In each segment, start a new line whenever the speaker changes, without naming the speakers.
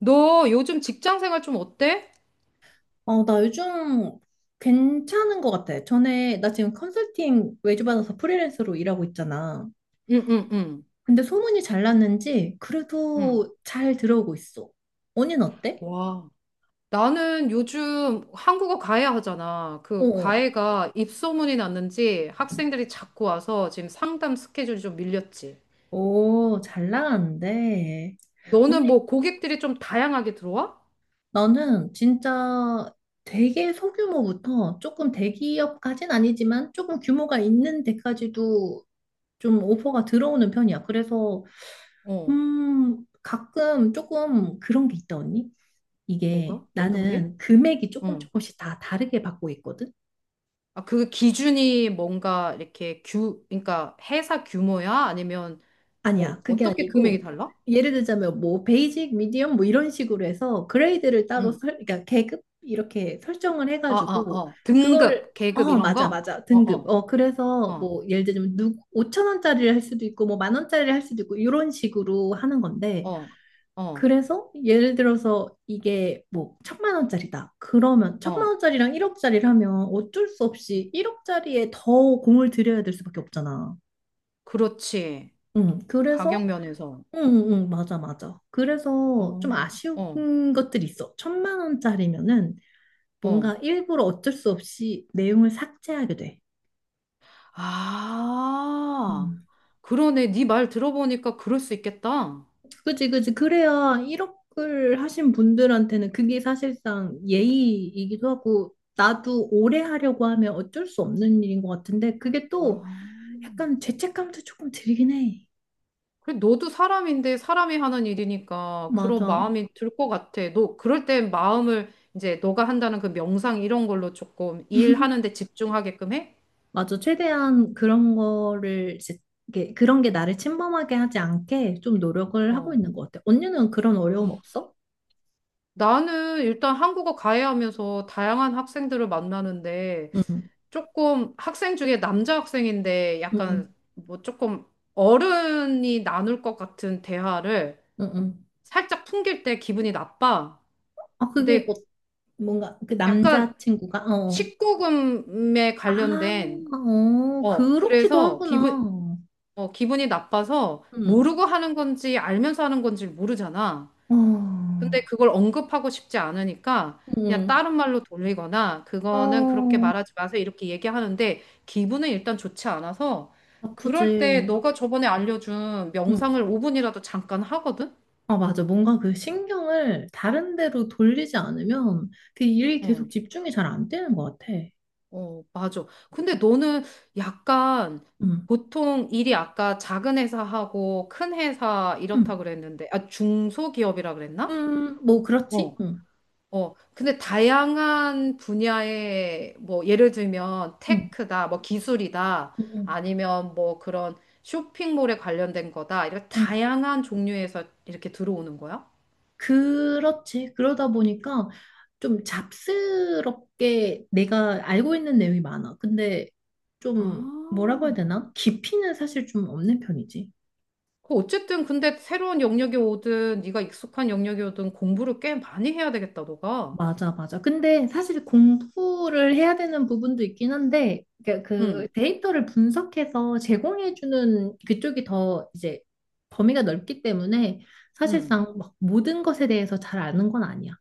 너 요즘 직장 생활 좀 어때?
어, 나 요즘 괜찮은 것 같아. 전에, 나 지금 컨설팅 외주 받아서 프리랜서로 일하고 있잖아.
응, 응, 응,
근데 소문이 잘 났는지
응.
그래도 잘 들어오고 있어. 언니는 어때?
와. 나는 요즘 한국어 과외 하잖아.
어,
그
어.
과외가 입소문이 났는지
어.
학생들이 자꾸 와서 지금 상담 스케줄이 좀 밀렸지.
오, 잘 나가는데. 언니,
너는 뭐 고객들이 좀 다양하게 들어와?
나는 진짜 되게 소규모부터 조금 대기업까진 아니지만 조금 규모가 있는 데까지도 좀 오퍼가 들어오는 편이야. 그래서,
어,
가끔 조금 그런 게 있다, 언니. 이게
뭐가? 어떤 게?
나는 금액이 조금
응.
조금씩 다 다르게 받고 있거든?
아, 그 기준이 뭔가 이렇게 그러니까 회사 규모야? 아니면 뭐
아니야, 그게
어떻게 금액이
아니고
달라?
예를 들자면 뭐 베이직, 미디엄 뭐 이런 식으로 해서 그레이드를 따로
응.
설, 그러니까 계급 이렇게 설정을
아, 아,
해가지고
어.
그거를
등급, 계급 이런
맞아,
거?
맞아,
어,
등급.
어.
어, 그래서
어.
뭐 예를 들면 누 5천 원짜리를 할 수도 있고 뭐 만 원짜리를 할 수도 있고 이런 식으로 하는 건데,
어, 어,
그래서 예를 들어서 이게 뭐 천만 원짜리다. 그러면 천만
어.
원짜리랑 1억짜리를 하면 어쩔 수 없이 1억짜리에 더 공을 들여야 될 수밖에 없잖아.
그렇지.
응,
가격
그래서,
면에서.
응, 응, 응, 맞아, 맞아. 그래서 좀
어,
아쉬운
어,
것들이 있어. 천만 원짜리면은
어.
뭔가 일부러 어쩔 수 없이 내용을 삭제하게 돼.
아,
음.
그러네. 네 말 들어보니까 그럴 수 있겠다.
그지, 그지. 그래야 1억을 하신 분들한테는 그게 사실상 예의이기도 하고, 나도 오래 하려고 하면 어쩔 수 없는 일인 것 같은데, 그게 또
아,
약간 죄책감도 조금 들긴 해.
그래, 너도 사람인데 사람이 하는 일이니까 그런
맞아.
마음이 들 것 같아. 너 그럴 땐 마음을 이제 너가 한다는 그 명상 이런 걸로 조금 일하는 데 집중하게끔 해?
맞아. 최대한 그런 거를, 이제 이게 그런 게 나를 침범하게 하지 않게 좀 노력을 하고
어.
있는 것 같아. 언니는 그런 어려움 없어?
나는 일단 한국어 가해하면서 다양한 학생들을 만나는데
응,
조금 학생 중에 남자 학생인데
응,
약간
응,
뭐 조금 어른이 나눌 것 같은 대화를
응, 응.
살짝 풍길 때 기분이 나빠.
아, 그게, 어,
근데
뭔가 그
약간
남자친구가, 어. 어.
19금에
아,
관련된
어,
어
그렇기도
그래서 기분
하구나.
어 기분이 나빠서
응,
모르고 하는 건지 알면서 하는 건지 모르잖아.
어,
근데 그걸 언급하고 싶지 않으니까 그냥
응,
다른 말로 돌리거나 그거는 그렇게
어,
말하지 마세요 이렇게 얘기하는데 기분은 일단 좋지 않아서 그럴 때
나쁘지.
너가 저번에 알려준
응.
명상을 5분이라도 잠깐 하거든?
아, 맞아. 뭔가 그 신경을 다른 데로 돌리지 않으면 그 일이
어,
계속 집중이 잘 안 되는 것 같아.
어, 맞아. 근데 너는 약간
응.
보통 일이 아까 작은 회사하고 큰 회사 이렇다
응,
그랬는데 아 중소기업이라 그랬나?
응, 뭐, 그렇지?
어,
응,
어, 근데 다양한 분야의 뭐 예를 들면
응,
테크다, 뭐 기술이다,
응,
아니면 뭐 그런 쇼핑몰에 관련된 거다, 이렇게
응.
다양한 종류에서 이렇게 들어오는 거야?
그렇지. 그러다 보니까 좀 잡스럽게 내가 알고 있는 내용이 많아. 근데 좀
아,
뭐라고 해야 되나? 깊이는 사실 좀 없는 편이지.
그 어쨌든 근데 새로운 영역이 오든 네가 익숙한 영역이 오든 공부를 꽤 많이 해야 되겠다, 너가.
맞아, 맞아. 근데 사실 공부를 해야 되는 부분도 있긴 한데, 그러니까 그
응,
데이터를 분석해서 제공해주는 그쪽이 더 이제 범위가 넓기 때문에
응.
사실상 막 모든 것에 대해서 잘 아는 건 아니야.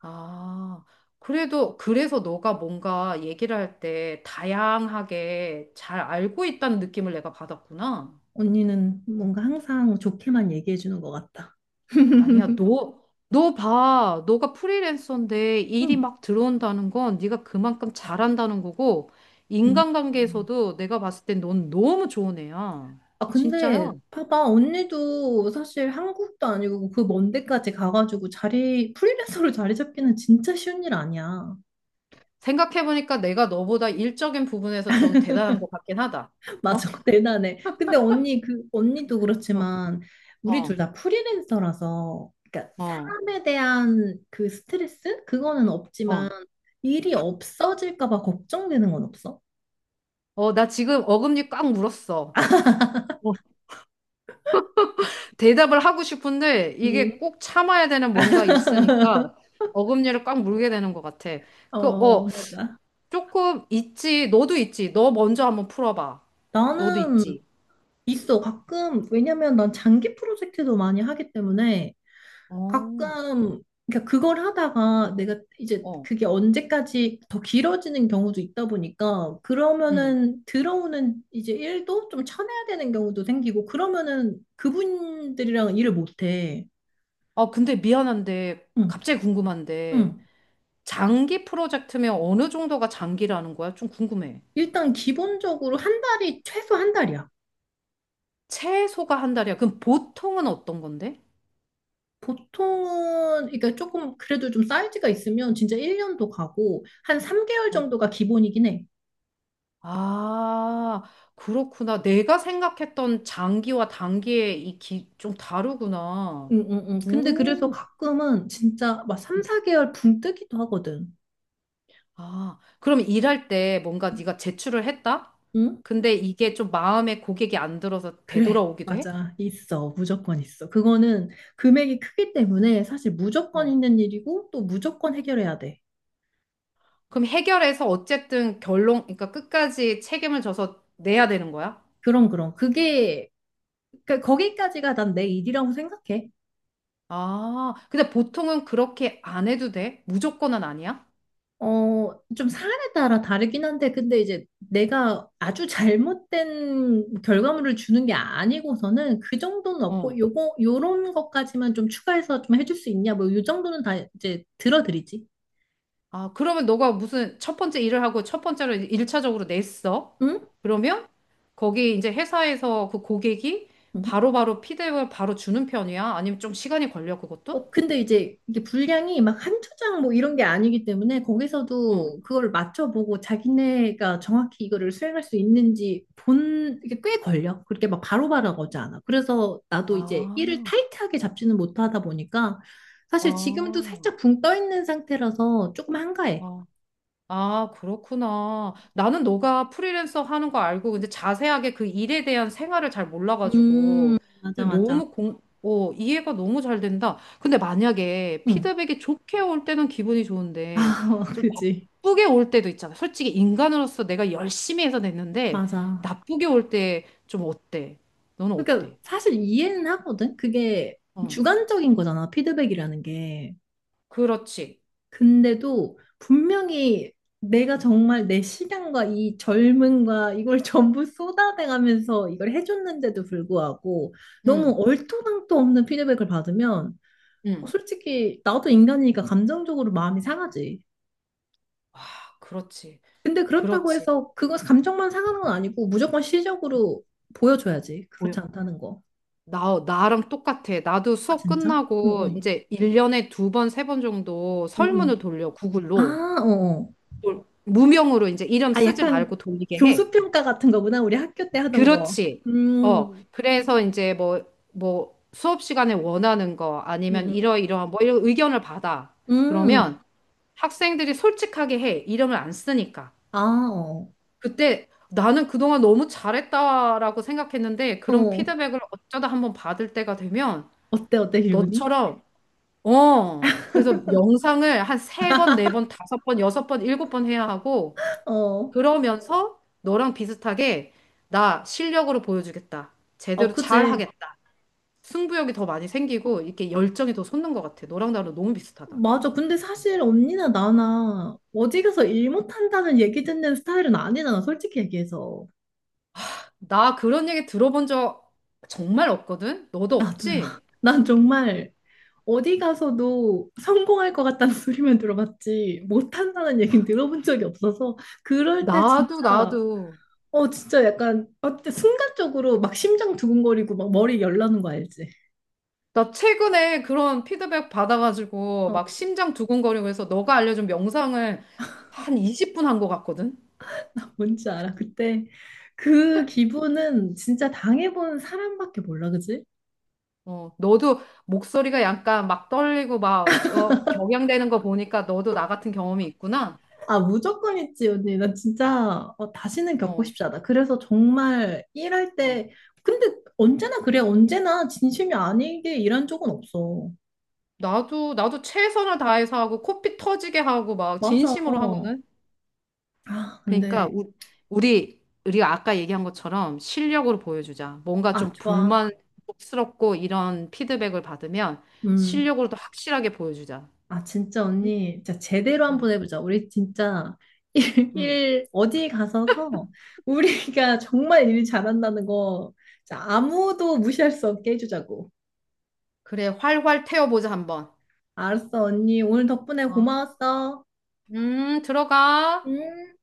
아, 그래도 그래서 너가 뭔가 얘기를 할 때 다양하게 잘 알고 있다는 느낌을 내가 받았구나.
언니는 뭔가 항상 좋게만 얘기해주는 것 같다.
아니야, 너 봐. 너가 프리랜서인데 일이
응.
막 들어온다는 건 네가 그만큼 잘한다는 거고,
음.
인간관계에서도 내가 봤을 땐 넌 너무 좋은 애야.
아,
진짜야.
근데 봐봐. 언니도 사실 한국도 아니고 그 먼 데까지 가가지고 자리, 프리랜서로 자리 잡기는 진짜 쉬운 일 아니야.
생각해보니까 내가 너보다 일적인 부분에서 좀 대단한 것 같긴 하다. 어,
맞아. 대단해. 근데 언니, 그, 언니도
어,
그렇지만 우리 둘
어,
다 프리랜서라서 그러니까
어,
사람에 대한 그 스트레스? 그거는 없지만
어.
일이 없어질까 봐 걱정되는 건 없어?
어, 나 지금 어금니 꽉 물었어. 어, 대답을 하고 싶은데 이게
음,
꼭 참아야 되는 뭔가 있으니까 어금니를 꽉 물게 되는 것 같아. 그,
어,
어,
맞아.
조금 있지. 너도 있지. 너 먼저 한번 풀어봐. 너도
나는
있지.
있어. 가끔, 왜냐면 난 장기 프로젝트도 많이 하기 때문에
어,
가끔, 그러니까 그걸 하다가 내가 이제
어.
그게 언제까지 더 길어지는 경우도 있다 보니까
응.
그러면은 들어오는 이제 일도 좀 쳐내야 되는 경우도 생기고 그러면은 그분들이랑 일을 못해.
아, 근데 미안한데,
응,
갑자기 궁금한데,
응.
장기 프로젝트면 어느 정도가 장기라는 거야? 좀 궁금해.
일단 기본적으로 한 달이 최소 한 달이야.
최소가 한 달이야. 그럼 보통은 어떤 건데?
보통은 그러니까 조금 그래도 좀 사이즈가 있으면 진짜 1년도 가고 한 3개월
아,
정도가 기본이긴 해.
아, 그렇구나. 내가 생각했던 장기와 단기의 좀 다르구나.
응, 응, 응. 근데 그래서
오,
가끔은 진짜 막 3, 4개월 붕 뜨기도 하거든.
아, 그럼 일할 때 뭔가 네가 제출을 했다?
응?
근데 이게 좀 마음에 고객이 안 들어서
그래,
되돌아오기도 해?
맞아. 있어. 무조건 있어. 그거는 금액이 크기 때문에 사실 무조건
어.
있는 일이고 또 무조건 해결해야 돼.
그럼 해결해서 어쨌든 결론, 그러니까 끝까지 책임을 져서 내야 되는 거야?
그럼, 그럼. 그게, 그, 거기까지가 난 내 일이라고 생각해.
아, 근데 보통은 그렇게 안 해도 돼? 무조건은 아니야?
어, 좀 사안에 따라 다르긴 한데, 근데 이제 내가 아주 잘못된 결과물을 주는 게 아니고서는 그 정도는
어.
없고, 요거, 요런 것까지만 좀 추가해서 좀 해줄 수 있냐, 뭐, 요 정도는 다 이제 들어드리지.
아, 그러면 너가 무슨 첫 번째 일을 하고 첫 번째로 일차적으로 냈어?
응?
그러면 거기 이제 회사에서 그 고객이
어?
바로바로 피드백을 바로 주는 편이야? 아니면 좀 시간이 걸려, 그것도?
어, 근데 이제 이게 분량이 막 한두 장 뭐 이런 게 아니기 때문에
어.
거기서도 그걸 맞춰보고 자기네가 정확히 이거를 수행할 수 있는지 본, 이게 꽤 걸려. 그렇게 막 바로바로 오지 않아. 그래서 나도 이제
아,
일을 타이트하게 잡지는 못하다 보니까 사실 지금도
아,
살짝 붕 떠 있는 상태라서 조금 한가해.
아, 아, 그렇구나. 나는 너가 프리랜서 하는 거 알고, 근데 자세하게 그 일에 대한 생활을 잘 몰라가지고,
맞아,
근데
맞아.
너무 이해가 너무 잘 된다. 근데 만약에
응.
피드백이 좋게 올 때는 기분이 좋은데,
아,
좀
그지.
나쁘게 올 때도 있잖아. 솔직히 인간으로서 내가 열심히 해서 냈는데,
맞아.
나쁘게 올 때 좀 어때? 너는
그러니까
어때?
사실 이해는 하거든. 그게
응,
주관적인 거잖아. 피드백이라는 게.
그렇지.
근데도 분명히 내가 정말 내 시간과 이 젊음과 이걸 전부 쏟아내가면서 이걸 해줬는데도 불구하고 너무
응,
얼토당토 없는 피드백을 받으면
응,
솔직히 나도 인간이니까 감정적으로 마음이 상하지.
아, 그렇지.
근데 그렇다고
그렇지.
해서 그거 감정만 상하는 건 아니고 무조건 시적으로 보여줘야지. 그렇지 않다는 거.
나랑 똑같아. 나도
아,
수업
진짜?
끝나고
응응.
이제 1년에 두 번, 세 번 정도
응응.
설문을 돌려,
아,
구글로.
어. 어.
무명으로 이제 이름
아,
쓰지
약간
말고 돌리게 해.
교수 평가 같은 거구나. 우리 학교 때 하던 거.
그렇지. 어,
음.
그래서 이제 뭐 수업 시간에 원하는 거
응,
아니면
응.
이러이러한 뭐 이런 의견을 받아.
음,
그러면 학생들이 솔직하게 해. 이름을 안 쓰니까.
아, 어.
그때 나는 그동안 너무 잘했다라고 생각했는데 그런
어.
피드백을 어쩌다 한번 받을 때가 되면
어때, 어때, 기분이?
너처럼 그래서 명상을 한 세 번, 네 번, 다섯 번, 여섯 번, 일곱 번 해야 하고,
어.
그러면서 너랑 비슷하게 나 실력으로 보여주겠다.
아,
제대로 잘
그지.
하겠다. 승부욕이 더 많이 생기고, 이렇게 열정이 더 솟는 것 같아. 너랑 나랑 너무 비슷하다.
맞아. 근데 사실 언니나 나나 어디 가서 일 못한다는 얘기 듣는 스타일은 아니잖아, 솔직히 얘기해서.
나 그런 얘기 들어본 적 정말 없거든? 너도
나도야.
없지?
난 정말 어디 가서도 성공할 것 같다는 소리만 들어봤지, 못한다는 얘기는 들어본 적이 없어서, 그럴 때
나도,
진짜,
나도.
어, 진짜 약간, 어때, 순간적으로 막 심장 두근거리고 막 머리 열나는 거 알지?
나 최근에 그런 피드백 받아가지고, 막
어.
심장 두근거리고 해서 너가 알려준 명상을 한 20분 한 것 같거든?
뭔지 알아? 그때 그 기분은 진짜 당해본 사람밖에 몰라, 그지?
어, 너도 목소리가 약간 막 떨리고 막 격양되는 거 보니까 너도 나 같은 경험이 있구나.
아, 무조건 있지, 언니. 나 진짜 어, 다시는 겪고
어,
싶지 않아. 그래서 정말 일할
어.
때, 근데 언제나 그래. 언제나 진심이 아니게 일한 적은 없어.
나도 최선을 다해서 하고 코피 터지게 하고 막
맞아.
진심으로 하거든.
아,
그러니까
근데,
우, 우리 우리가 아까 얘기한 것처럼 실력으로 보여주자. 뭔가
아,
좀
좋아.
불만스럽고 이런 피드백을 받으면
음.
실력으로도 확실하게 보여주자.
아, 진짜
응?
언니, 진짜 제대로
응,
한번 해보자. 우리 진짜 일,
응.
일 어디 가서서 우리가 정말 일 잘한다는 거 진짜 아무도 무시할 수 없게 해주자고.
그래, 활활 태워보자 한번.
알았어, 언니. 오늘 덕분에
어.
고마웠어.
들어가.
음.